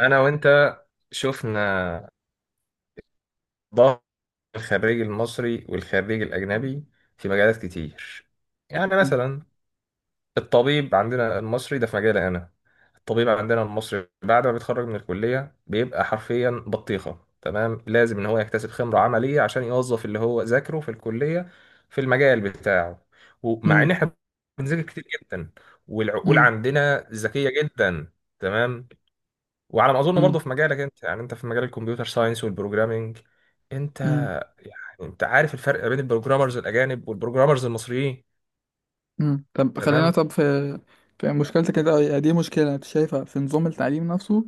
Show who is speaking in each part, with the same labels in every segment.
Speaker 1: انا وانت شفنا ضغط الخريج المصري والخريج الاجنبي في مجالات كتير. يعني
Speaker 2: مم.
Speaker 1: مثلا الطبيب عندنا المصري ده في مجالي انا. الطبيب عندنا المصري بعد ما بيتخرج من الكليه بيبقى حرفيا بطيخه. تمام، لازم ان هو يكتسب خبره عمليه عشان يوظف اللي هو ذاكره في الكليه في المجال بتاعه. ومع ان
Speaker 2: مم.
Speaker 1: احنا بنذاكر كتير جدا والعقول
Speaker 2: مم.
Speaker 1: عندنا ذكيه جدا. تمام. وعلى ما اظن برضه في مجالك انت، يعني انت في مجال الكمبيوتر ساينس والبروجرامينج، انت
Speaker 2: مم.
Speaker 1: يعني انت عارف الفرق بين البروجرامرز الاجانب والبروجرامرز المصريين.
Speaker 2: مم. طب خلينا،
Speaker 1: تمام.
Speaker 2: طب في في مشكلتك كده، دي مشكلة انت شايفها في نظام التعليم نفسه،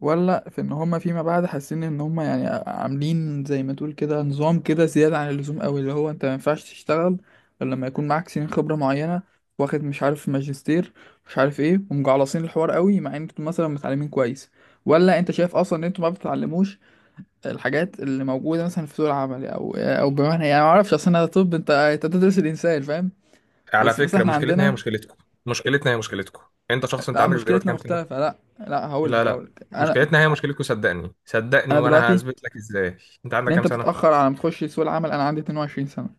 Speaker 2: ولا في ان هما فيما بعد حاسين ان هما يعني عاملين زي ما تقول كده نظام كده زيادة عن اللزوم قوي؟ اللي هو انت ما ينفعش تشتغل غير لما يكون معاك سنين خبرة معينة، واخد مش عارف ماجستير، مش عارف ايه، ومجعلصين الحوار قوي مع ان انتوا مثلا متعلمين كويس؟ ولا انت شايف اصلا ان انتوا ما بتتعلموش الحاجات اللي موجوده مثلا في سوق العمل، او بمعنى، يعني ما اعرفش، اصل انا، طب انت بتدرس الانسان، فاهم؟
Speaker 1: على
Speaker 2: بس مثلا
Speaker 1: فكره،
Speaker 2: احنا
Speaker 1: مشكلتنا هي
Speaker 2: عندنا،
Speaker 1: مشكلتكم. مشكلتنا هي مشكلتكم. انت شخص انت
Speaker 2: لا
Speaker 1: عندك دلوقتي
Speaker 2: مشكلتنا
Speaker 1: كام سنه؟
Speaker 2: مختلفه، لا لا، هقول
Speaker 1: لا
Speaker 2: لك هقول
Speaker 1: لا،
Speaker 2: لك انا
Speaker 1: مشكلتنا هي مشكلتكم، صدقني صدقني،
Speaker 2: انا
Speaker 1: وانا
Speaker 2: دلوقتي
Speaker 1: هثبت لك ازاي. انت
Speaker 2: ان
Speaker 1: عندك كام
Speaker 2: انت
Speaker 1: سنه؟
Speaker 2: بتتاخر على ما تخش سوق العمل. انا عندي 22 سنه.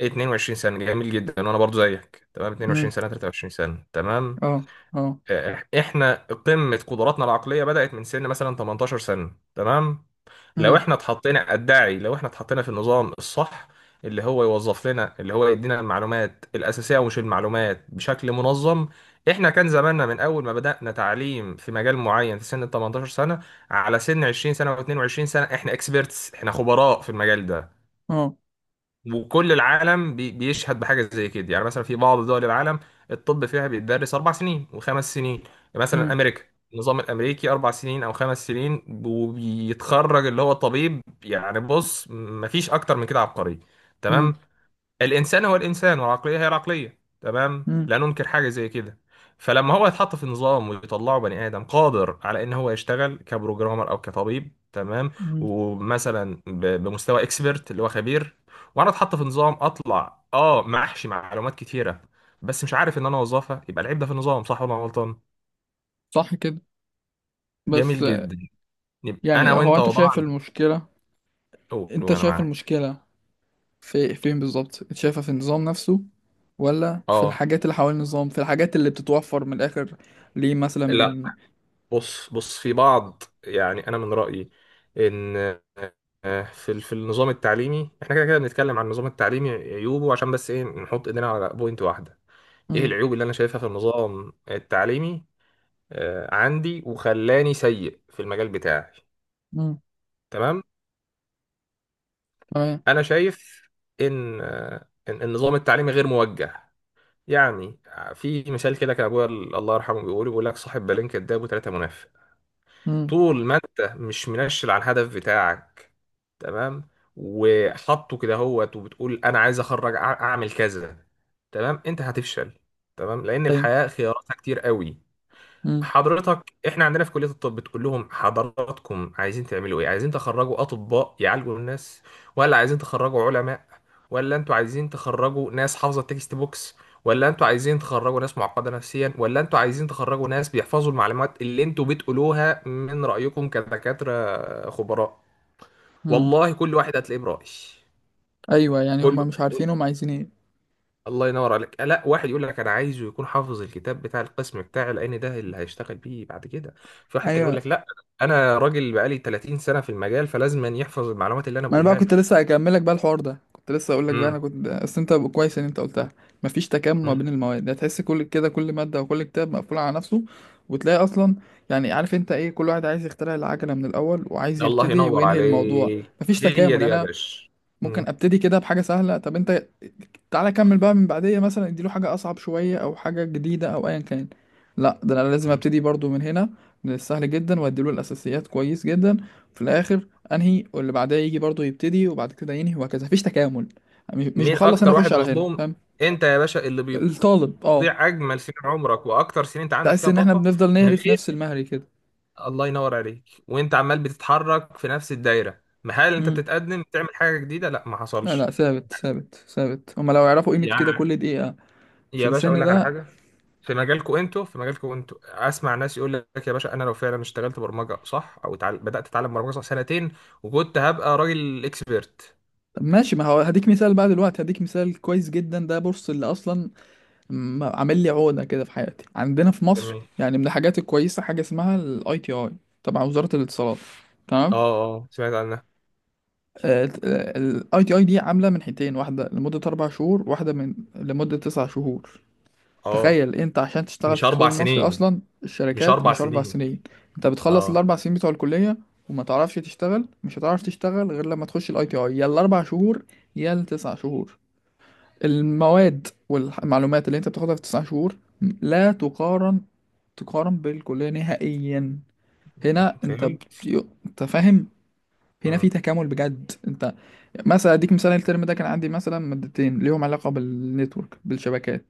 Speaker 1: 22 سنه، جميل جدا. وانا برضو زيك، تمام. 22
Speaker 2: امم
Speaker 1: سنه، 23 سنه، تمام.
Speaker 2: اه. اه.
Speaker 1: احنا قمه قدراتنا العقليه بدات من سن مثلا 18 سنه. تمام، لو
Speaker 2: امم
Speaker 1: احنا اتحطينا ادعي، لو احنا اتحطينا في النظام الصح، اللي هو يوظف لنا، اللي هو يدينا المعلومات الاساسيه ومش المعلومات بشكل منظم. احنا كان زماننا من اول ما بدانا تعليم في مجال معين في سن ال 18 سنه على سن 20 سنه و22 سنه احنا اكسبيرتس، احنا خبراء في المجال ده.
Speaker 2: اه.
Speaker 1: وكل العالم بيشهد بحاجه زي كده. يعني مثلا في بعض دول العالم الطب فيها بيتدرس اربع سنين وخمس سنين. يعني مثلا
Speaker 2: امم
Speaker 1: امريكا، النظام الامريكي اربع سنين او خمس سنين وبيتخرج اللي هو طبيب. يعني بص، مفيش اكتر من كده عبقري.
Speaker 2: امم
Speaker 1: تمام. الانسان هو الانسان والعقليه هي العقليه. تمام،
Speaker 2: امم
Speaker 1: لا ننكر حاجه زي كده. فلما هو يتحط في نظام ويطلعه بني ادم قادر على ان هو يشتغل كبروجرامر او كطبيب، تمام،
Speaker 2: أمم.
Speaker 1: ومثلا بمستوى اكسبرت اللي هو خبير، وانا اتحط في نظام اطلع اه محشي معلومات كتيره بس مش عارف ان انا اوظفها، يبقى العيب ده في النظام؟ صح ولا أنا غلطان؟
Speaker 2: صح كده. بس،
Speaker 1: جميل جدا. يبقى انا
Speaker 2: يعني هو
Speaker 1: وانت
Speaker 2: انت شايف
Speaker 1: وضعنا.
Speaker 2: المشكله،
Speaker 1: قول
Speaker 2: انت
Speaker 1: وانا
Speaker 2: شايف
Speaker 1: معاك.
Speaker 2: المشكله في فين بالظبط؟ شايفها في النظام نفسه، ولا في
Speaker 1: اه،
Speaker 2: الحاجات اللي حوالين النظام، في الحاجات اللي بتتوفر من الآخر؟ ليه مثلا
Speaker 1: لا.
Speaker 2: من،
Speaker 1: بص بص في بعض، يعني انا من رايي ان في في النظام التعليمي احنا كده كده بنتكلم عن النظام التعليمي عيوبه عشان بس ايه؟ نحط ايدينا على بوينت واحده. ايه
Speaker 2: مم.
Speaker 1: العيوب اللي انا شايفها في النظام التعليمي عندي وخلاني سيء في المجال بتاعي؟
Speaker 2: مم.
Speaker 1: تمام.
Speaker 2: تمام.
Speaker 1: انا شايف ان ان النظام التعليمي غير موجه. يعني في مثال كده كان ابويا الله يرحمه بيقول لك صاحب بالين كداب وثلاثه منافق.
Speaker 2: مم.
Speaker 1: طول ما انت مش منشل على الهدف بتاعك، تمام، وحاطه كده هوت وبتقول انا عايز اخرج اعمل كذا، تمام، انت هتفشل. تمام، لان
Speaker 2: طيب.
Speaker 1: الحياة خياراتها كتير قوي.
Speaker 2: مم.
Speaker 1: حضرتك، احنا عندنا في كلية الطب بتقول لهم حضراتكم عايزين تعملوا ايه؟ عايزين تخرجوا اطباء يعالجوا الناس؟ ولا عايزين تخرجوا علماء؟ ولا انتوا عايزين تخرجوا ناس حافظة التكست بوكس؟ ولا انتوا عايزين تخرجوا ناس معقدة نفسيا؟ ولا انتوا عايزين تخرجوا ناس بيحفظوا المعلومات اللي انتوا بتقولوها من رأيكم كدكاترة خبراء؟
Speaker 2: مم.
Speaker 1: والله كل واحد هتلاقيه برأي.
Speaker 2: أيوه، يعني
Speaker 1: كله.
Speaker 2: هما مش عارفين هما عايزين إيه.
Speaker 1: الله ينور عليك. لا، واحد يقول لك انا عايزه يكون حافظ الكتاب بتاع القسم بتاعي لان ده اللي هيشتغل بيه بعد كده. في واحد تاني يقول
Speaker 2: أيوه.
Speaker 1: لك لا، انا راجل بقالي 30 سنه في المجال فلازم أن يحفظ المعلومات اللي انا
Speaker 2: ما أنا بقى
Speaker 1: بقولها له.
Speaker 2: كنت لسه هكمل لك بقى الحوار ده، كنت لسه أقول لك بقى، أنا
Speaker 1: امم.
Speaker 2: كنت، أصل أنت كويس إن أنت قلتها. مفيش تكامل ما
Speaker 1: أمم.
Speaker 2: بين المواد، هتحس كل كده، كل مادة وكل كتاب مقفول على نفسه. وتلاقي أصلا، يعني عارف أنت إيه، كل واحد عايز يخترع العجلة من الأول، وعايز
Speaker 1: الله
Speaker 2: يبتدي
Speaker 1: ينور
Speaker 2: وينهي الموضوع.
Speaker 1: عليك،
Speaker 2: مفيش
Speaker 1: هي
Speaker 2: تكامل،
Speaker 1: دي
Speaker 2: يعني
Speaker 1: يا
Speaker 2: أنا
Speaker 1: باشا.
Speaker 2: ممكن
Speaker 1: أمم.
Speaker 2: ابتدي كده بحاجه سهله، طب انت تعالى كمل بقى من بعديه، مثلا اديله حاجه اصعب شويه او حاجه جديده او ايا كان. لا، ده انا لازم
Speaker 1: أمم.
Speaker 2: ابتدي برضو من هنا، من السهل جدا، واديله الاساسيات كويس جدا. في الاخر انهي، واللي بعدها يجي برضو يبتدي وبعد كده ينهي، وهكذا، مفيش تكامل. مش
Speaker 1: مين
Speaker 2: بخلص هنا،
Speaker 1: اكتر
Speaker 2: اخش
Speaker 1: واحد
Speaker 2: على هنا،
Speaker 1: مظلوم؟
Speaker 2: فاهم؟
Speaker 1: انت يا باشا، اللي
Speaker 2: الطالب، اه.
Speaker 1: بيضيع اجمل سنين عمرك واكتر سنين انت عندك
Speaker 2: تحس
Speaker 1: فيها
Speaker 2: ان احنا
Speaker 1: طاقه
Speaker 2: بنفضل
Speaker 1: من
Speaker 2: نهري في نفس
Speaker 1: غير.
Speaker 2: المهري كده.
Speaker 1: الله ينور عليك. وانت عمال بتتحرك في نفس الدايره، ما هل انت
Speaker 2: امم
Speaker 1: بتتقدم تعمل حاجه جديده؟ لا، ما
Speaker 2: لا
Speaker 1: حصلش.
Speaker 2: لا، ثابت ثابت ثابت. هما لو يعرفوا قيمه كده
Speaker 1: يعني
Speaker 2: كل دقيقه في
Speaker 1: يا باشا اقول
Speaker 2: السن
Speaker 1: لك على
Speaker 2: ده.
Speaker 1: حاجه. في مجالكم انتوا، في مجالكم انتوا اسمع ناس يقول لك يا باشا انا لو فعلا اشتغلت برمجه صح، او بدات اتعلم برمجه صح سنتين، وكنت هبقى راجل اكسبيرت.
Speaker 2: طب ماشي، ما هو هديك مثال بقى دلوقتي، هديك مثال كويس جدا ده. بص، اللي اصلا عامل لي عقده كده في حياتي، عندنا في مصر
Speaker 1: جميل.
Speaker 2: يعني من الحاجات الكويسه حاجه اسمها الاي تي اي، تبع وزاره الاتصالات، تمام؟
Speaker 1: اه. اه، سمعت عنها.
Speaker 2: الاي تي اي دي عامله من حتتين، واحده لمده اربع شهور، واحده من لمده تسع شهور.
Speaker 1: اه،
Speaker 2: تخيل انت، عشان تشتغل
Speaker 1: مش
Speaker 2: في السوق
Speaker 1: اربع
Speaker 2: المصري
Speaker 1: سنين،
Speaker 2: اصلا
Speaker 1: مش
Speaker 2: الشركات،
Speaker 1: اربع
Speaker 2: مش اربع
Speaker 1: سنين.
Speaker 2: سنين. انت بتخلص
Speaker 1: اه،
Speaker 2: الاربع سنين بتوع الكليه وما تعرفش تشتغل، مش هتعرف تشتغل غير لما تخش الاي تي اي، يا الاربع شهور يا التسع شهور. المواد والمعلومات اللي انت بتاخدها في تسع شهور لا تقارن، تقارن بالكلية نهائيا. هنا انت
Speaker 1: فهمت.
Speaker 2: انت فاهم؟ هنا في
Speaker 1: امم.
Speaker 2: تكامل بجد. انت، مثلا اديك مثال، الترم ده كان عندي مثلا مادتين ليهم علاقة بالنتورك، بالشبكات.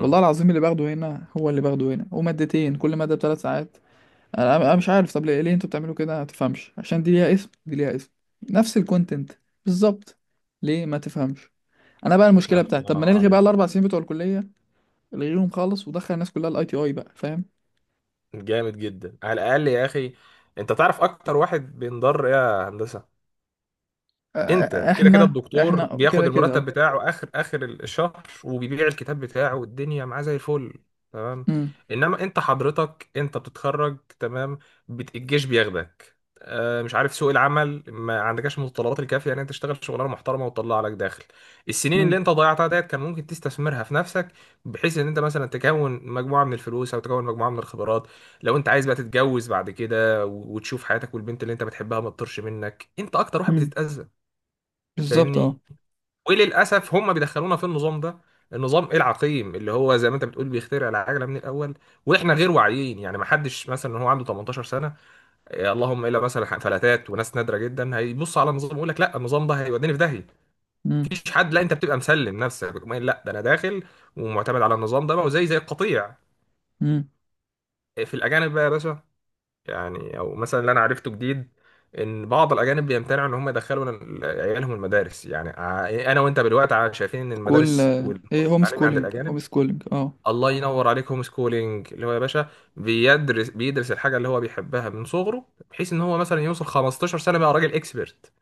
Speaker 2: والله العظيم اللي باخده هنا هو اللي باخده هنا، ومادتين كل مادة بثلاث ساعات. انا مش عارف، طب ليه انتوا بتعملوا كده؟ ما تفهمش، عشان دي ليها اسم، دي ليها اسم، نفس الكونتنت بالظبط. ليه ما تفهمش؟ انا بقى المشكله
Speaker 1: اه،
Speaker 2: بتاعتي،
Speaker 1: الله
Speaker 2: طب ما
Speaker 1: ينور
Speaker 2: نلغي بقى
Speaker 1: عليك.
Speaker 2: الاربع سنين بتوع الكليه، الغيهم خالص، ودخل الناس كلها الاي تي اي بقى، فاهم؟
Speaker 1: جامد جدا على الاقل يا اخي. انت تعرف اكتر واحد بينضر ايه، يا هندسه؟ انت كده كده
Speaker 2: احنا،
Speaker 1: الدكتور
Speaker 2: احنا
Speaker 1: بياخد
Speaker 2: كده كده
Speaker 1: المرتب
Speaker 2: اه.
Speaker 1: بتاعه اخر اخر الشهر وبيبيع الكتاب بتاعه والدنيا معاه زي الفل. تمام،
Speaker 2: امم
Speaker 1: انما انت حضرتك انت بتتخرج، تمام، الجيش بياخدك. آه، مش عارف، سوق العمل ما عندكش المتطلبات الكافيه ان انت تشتغل شغلانه محترمه وتطلع لك داخل. السنين اللي
Speaker 2: امم
Speaker 1: انت ضيعتها ديت كان ممكن تستثمرها في نفسك، بحيث ان انت مثلا تكون مجموعه من الفلوس او تكون مجموعه من الخبرات. لو انت عايز بقى تتجوز بعد كده وتشوف حياتك والبنت اللي انت بتحبها ما تطرش منك، انت اكتر واحد
Speaker 2: امم
Speaker 1: بتتاذى،
Speaker 2: بالظبط اه.
Speaker 1: فاهمني؟ وللاسف هم بيدخلونا في النظام ده، النظام العقيم اللي هو زي ما انت بتقول بيخترع العجله من الاول، واحنا غير واعيين. يعني ما حدش مثلا هو عنده 18 سنه إيه، اللهم الا مثلا فلاتات وناس نادره جدا هيبص على النظام ويقول لك لا، النظام ده هيوديني في داهيه.
Speaker 2: امم
Speaker 1: مفيش حد، لا انت بتبقى مسلم نفسك بتقوم قايل لا، ده انا داخل ومعتمد على النظام ده بقى، وزي القطيع.
Speaker 2: امم
Speaker 1: إيه في الاجانب بقى يا باشا، يعني او مثلا اللي انا عرفته جديد ان بعض الاجانب بيمتنعوا ان هم يدخلوا عيالهم المدارس. يعني انا وانت بالوقت شايفين ان
Speaker 2: كل
Speaker 1: المدارس
Speaker 2: ايه،
Speaker 1: والفقر
Speaker 2: هوم
Speaker 1: التعليمي عند
Speaker 2: سكولينج،
Speaker 1: الاجانب.
Speaker 2: هوم سكولينج اه.
Speaker 1: الله ينور عليك، هوم سكولينج، اللي هو يا باشا بيدرس الحاجه اللي هو بيحبها من صغره، بحيث ان هو مثلا يوصل 15 سنه بقى راجل اكسبرت.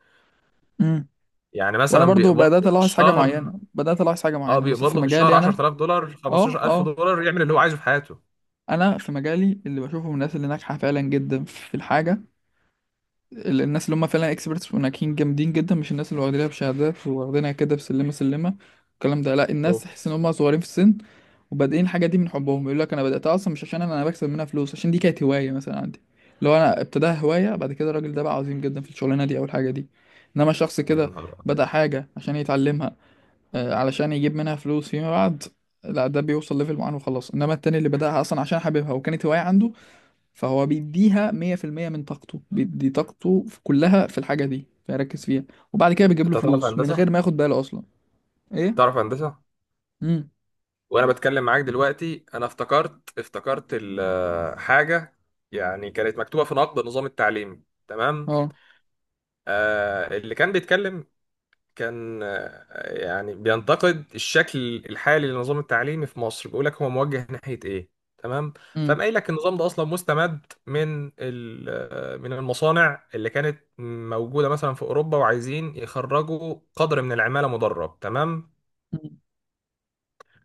Speaker 2: امم
Speaker 1: يعني
Speaker 2: وانا
Speaker 1: مثلا
Speaker 2: برضو
Speaker 1: بيقبض
Speaker 2: بدات
Speaker 1: له في
Speaker 2: الاحظ حاجه
Speaker 1: الشهر،
Speaker 2: معينه،
Speaker 1: اه
Speaker 2: مثلا
Speaker 1: بيقبض
Speaker 2: في
Speaker 1: له في الشهر
Speaker 2: مجالي انا.
Speaker 1: 10000 دولار
Speaker 2: اه
Speaker 1: 15000
Speaker 2: اه.
Speaker 1: دولار يعمل اللي هو عايزه في حياته.
Speaker 2: انا في مجالي اللي بشوفه من الناس اللي ناجحه فعلا جدا في الحاجه، الناس اللي هم فعلا اكسبرتس وناجحين جامدين جدا، مش الناس اللي واخدينها بشهادات، واخدينها كده بسلمه سلمه الكلام ده. لا، الناس تحس ان
Speaker 1: اوبس،
Speaker 2: هم صغيرين في السن وبادئين الحاجه دي من حبهم. يقول لك انا بداتها اصلا مش عشان انا بكسب منها فلوس، عشان دي كانت هوايه مثلا عندي. لو انا ابتداها هوايه، بعد كده الراجل ده بقى عظيم جدا في الشغلانه دي او الحاجه دي. انما شخص
Speaker 1: يا
Speaker 2: كده
Speaker 1: نهار ابيض.
Speaker 2: بدا حاجه عشان يتعلمها، علشان يجيب منها فلوس فيما بعد، لا ده بيوصل ليفل معين وخلاص. انما التاني اللي بداها اصلا عشان حاببها وكانت هوايه عنده، فهو بيديها 100% من طاقته، بيدي طاقته كلها في الحاجة دي، فيركز فيها، وبعد كده بيجيب
Speaker 1: انت
Speaker 2: له
Speaker 1: تعرف
Speaker 2: فلوس من غير
Speaker 1: هندسه؟
Speaker 2: ما ياخد باله أصلا. إيه؟
Speaker 1: تعرف هندسه.
Speaker 2: امم
Speaker 1: وانا بتكلم معاك دلوقتي انا افتكرت حاجه يعني كانت مكتوبه في نقد نظام التعليم. تمام.
Speaker 2: اه.
Speaker 1: آه اللي كان بيتكلم كان يعني بينتقد الشكل الحالي للنظام التعليمي في مصر، بيقول لك هو موجه ناحيه ايه؟ تمام. فقام
Speaker 2: امم
Speaker 1: قايل لك النظام ده اصلا مستمد من من المصانع اللي كانت موجوده مثلا في اوروبا، وعايزين يخرجوا قدر من العماله مدرب. تمام،
Speaker 2: أمم.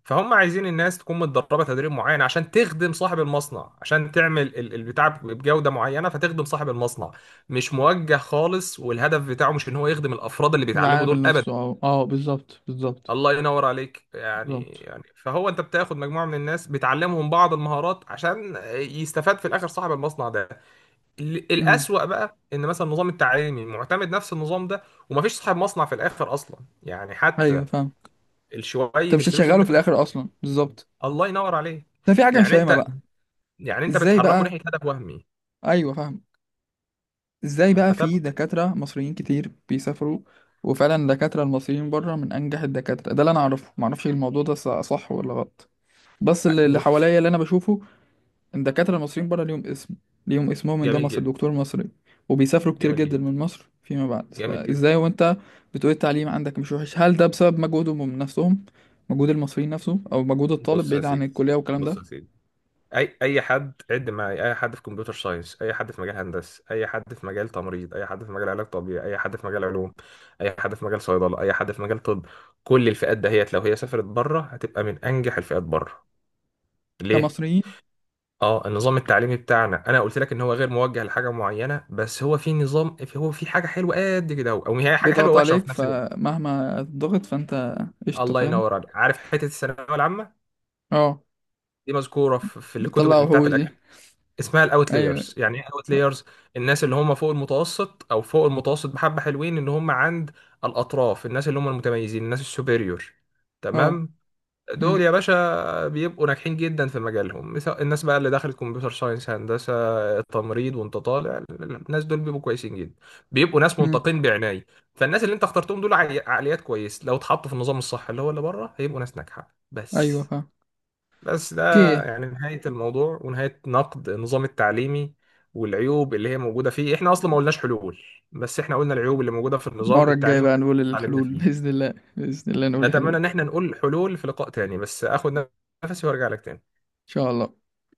Speaker 1: فهم عايزين الناس تكون متدربه تدريب معين عشان تخدم صاحب المصنع، عشان تعمل البتاع بجوده معينه فتخدم صاحب المصنع. مش موجه خالص، والهدف بتاعه مش ان هو يخدم الافراد اللي بيتعلموا
Speaker 2: العامل
Speaker 1: دول
Speaker 2: نفسه
Speaker 1: ابدا.
Speaker 2: اه. اه، بالظبط بالظبط.
Speaker 1: الله ينور عليك. يعني
Speaker 2: بالظبط.
Speaker 1: يعني فهو انت بتاخد مجموعه من الناس بتعلمهم بعض المهارات عشان يستفاد في الاخر صاحب المصنع ده.
Speaker 2: امم
Speaker 1: الاسوأ بقى ان مثلا النظام التعليمي معتمد نفس النظام ده، ومفيش صاحب مصنع في الاخر اصلا، يعني حتى
Speaker 2: ايوه فاهم.
Speaker 1: شويه
Speaker 2: انت مش
Speaker 1: الفلوس اللي انت
Speaker 2: هتشغله في
Speaker 1: كنت.
Speaker 2: الاخر اصلا، بالظبط.
Speaker 1: الله ينور عليك.
Speaker 2: ده في حاجه مش
Speaker 1: يعني
Speaker 2: فاهمه
Speaker 1: انت
Speaker 2: بقى.
Speaker 1: يعني انت
Speaker 2: ازاي
Speaker 1: بتحركه
Speaker 2: بقى؟
Speaker 1: ناحيه هدف وهمي.
Speaker 2: ايوه فاهم. ازاي بقى في
Speaker 1: فتبقى
Speaker 2: دكاتره مصريين كتير بيسافروا، وفعلا الدكاتره المصريين بره من انجح الدكاتره؟ ده اللي انا اعرفه، ما اعرفش الموضوع ده صح ولا غلط، بس اللي
Speaker 1: بص.
Speaker 2: حواليا اللي انا بشوفه ان الدكاتره المصريين بره ليهم اسم، ليهم اسمهم ان ده
Speaker 1: جميل
Speaker 2: مصر،
Speaker 1: جدا.
Speaker 2: دكتور مصري، وبيسافروا كتير
Speaker 1: جميل
Speaker 2: جدا
Speaker 1: جدا
Speaker 2: من مصر فيما بعد.
Speaker 1: جميل جدا.
Speaker 2: فازاي وانت بتقول التعليم عندك مش وحش؟ هل ده بسبب مجهودهم من نفسهم، مجهود المصريين نفسه، او مجهود الطالب
Speaker 1: بص يا
Speaker 2: بعيد عن
Speaker 1: سيدي،
Speaker 2: الكليه والكلام
Speaker 1: بص
Speaker 2: ده؟
Speaker 1: يا سيدي، اي اي حد عد معايا، اي حد في كمبيوتر ساينس، اي حد في مجال هندسه، اي حد في مجال تمريض، اي حد في مجال علاج طبيعي، اي حد في مجال علوم، اي حد في مجال صيدله، اي حد في مجال طب، كل الفئات دهيت لو هي سافرت بره هتبقى من انجح الفئات بره. ليه؟
Speaker 2: كمصريين.
Speaker 1: اه، النظام التعليمي بتاعنا انا قلت لك ان هو غير موجه لحاجه معينه، بس هو في نظام، هو في حاجه حلوه قد كده، او هي حاجه حلوه
Speaker 2: بيضغط
Speaker 1: ووحشه
Speaker 2: عليك
Speaker 1: في نفس الوقت.
Speaker 2: فمهما ضغط فانت، قشطه،
Speaker 1: الله
Speaker 2: فاهم.
Speaker 1: ينور عليك. عارف حته الثانويه العامه
Speaker 2: اه.
Speaker 1: دي مذكوره في الكتب
Speaker 2: بتطلع
Speaker 1: اللي بتاعت
Speaker 2: وحوش دي.
Speaker 1: الاجانب؟ اسمها
Speaker 2: ايوه.
Speaker 1: الاوتلايرز. يعني ايه اوتلايرز؟ الناس اللي هم فوق المتوسط، او فوق المتوسط بحبه، حلوين اللي هم عند الاطراف، الناس اللي هم المتميزين، الناس السوبريور.
Speaker 2: اه.
Speaker 1: تمام.
Speaker 2: امم
Speaker 1: دول يا باشا بيبقوا ناجحين جدا في مجالهم، مثل الناس بقى اللي دخلت كمبيوتر ساينس، هندسة، التمريض، وانت طالع، الناس دول بيبقوا كويسين جدا، بيبقوا ناس
Speaker 2: امم
Speaker 1: منتقين بعناية. فالناس اللي انت اخترتهم دول عقليات كويس، لو اتحطوا في النظام الصح اللي هو اللي بره هيبقوا ناس ناجحة.
Speaker 2: ايوه
Speaker 1: بس.
Speaker 2: فاهم.
Speaker 1: بس ده
Speaker 2: اوكي.
Speaker 1: يعني نهاية الموضوع، ونهاية نقد النظام التعليمي والعيوب اللي هي موجودة فيه. احنا اصلا ما قلناش حلول، بس احنا قلنا العيوب اللي موجودة في النظام
Speaker 2: المره الجايه
Speaker 1: التعليمي
Speaker 2: بقى
Speaker 1: اللي احنا
Speaker 2: نقول
Speaker 1: اتعلمنا
Speaker 2: الحلول،
Speaker 1: فيه.
Speaker 2: باذن الله، باذن الله نقول الحلول
Speaker 1: نتمنى ان
Speaker 2: ان
Speaker 1: احنا نقول حلول في لقاء تاني، بس اخد نفسي وارجع لك تاني.
Speaker 2: شاء الله.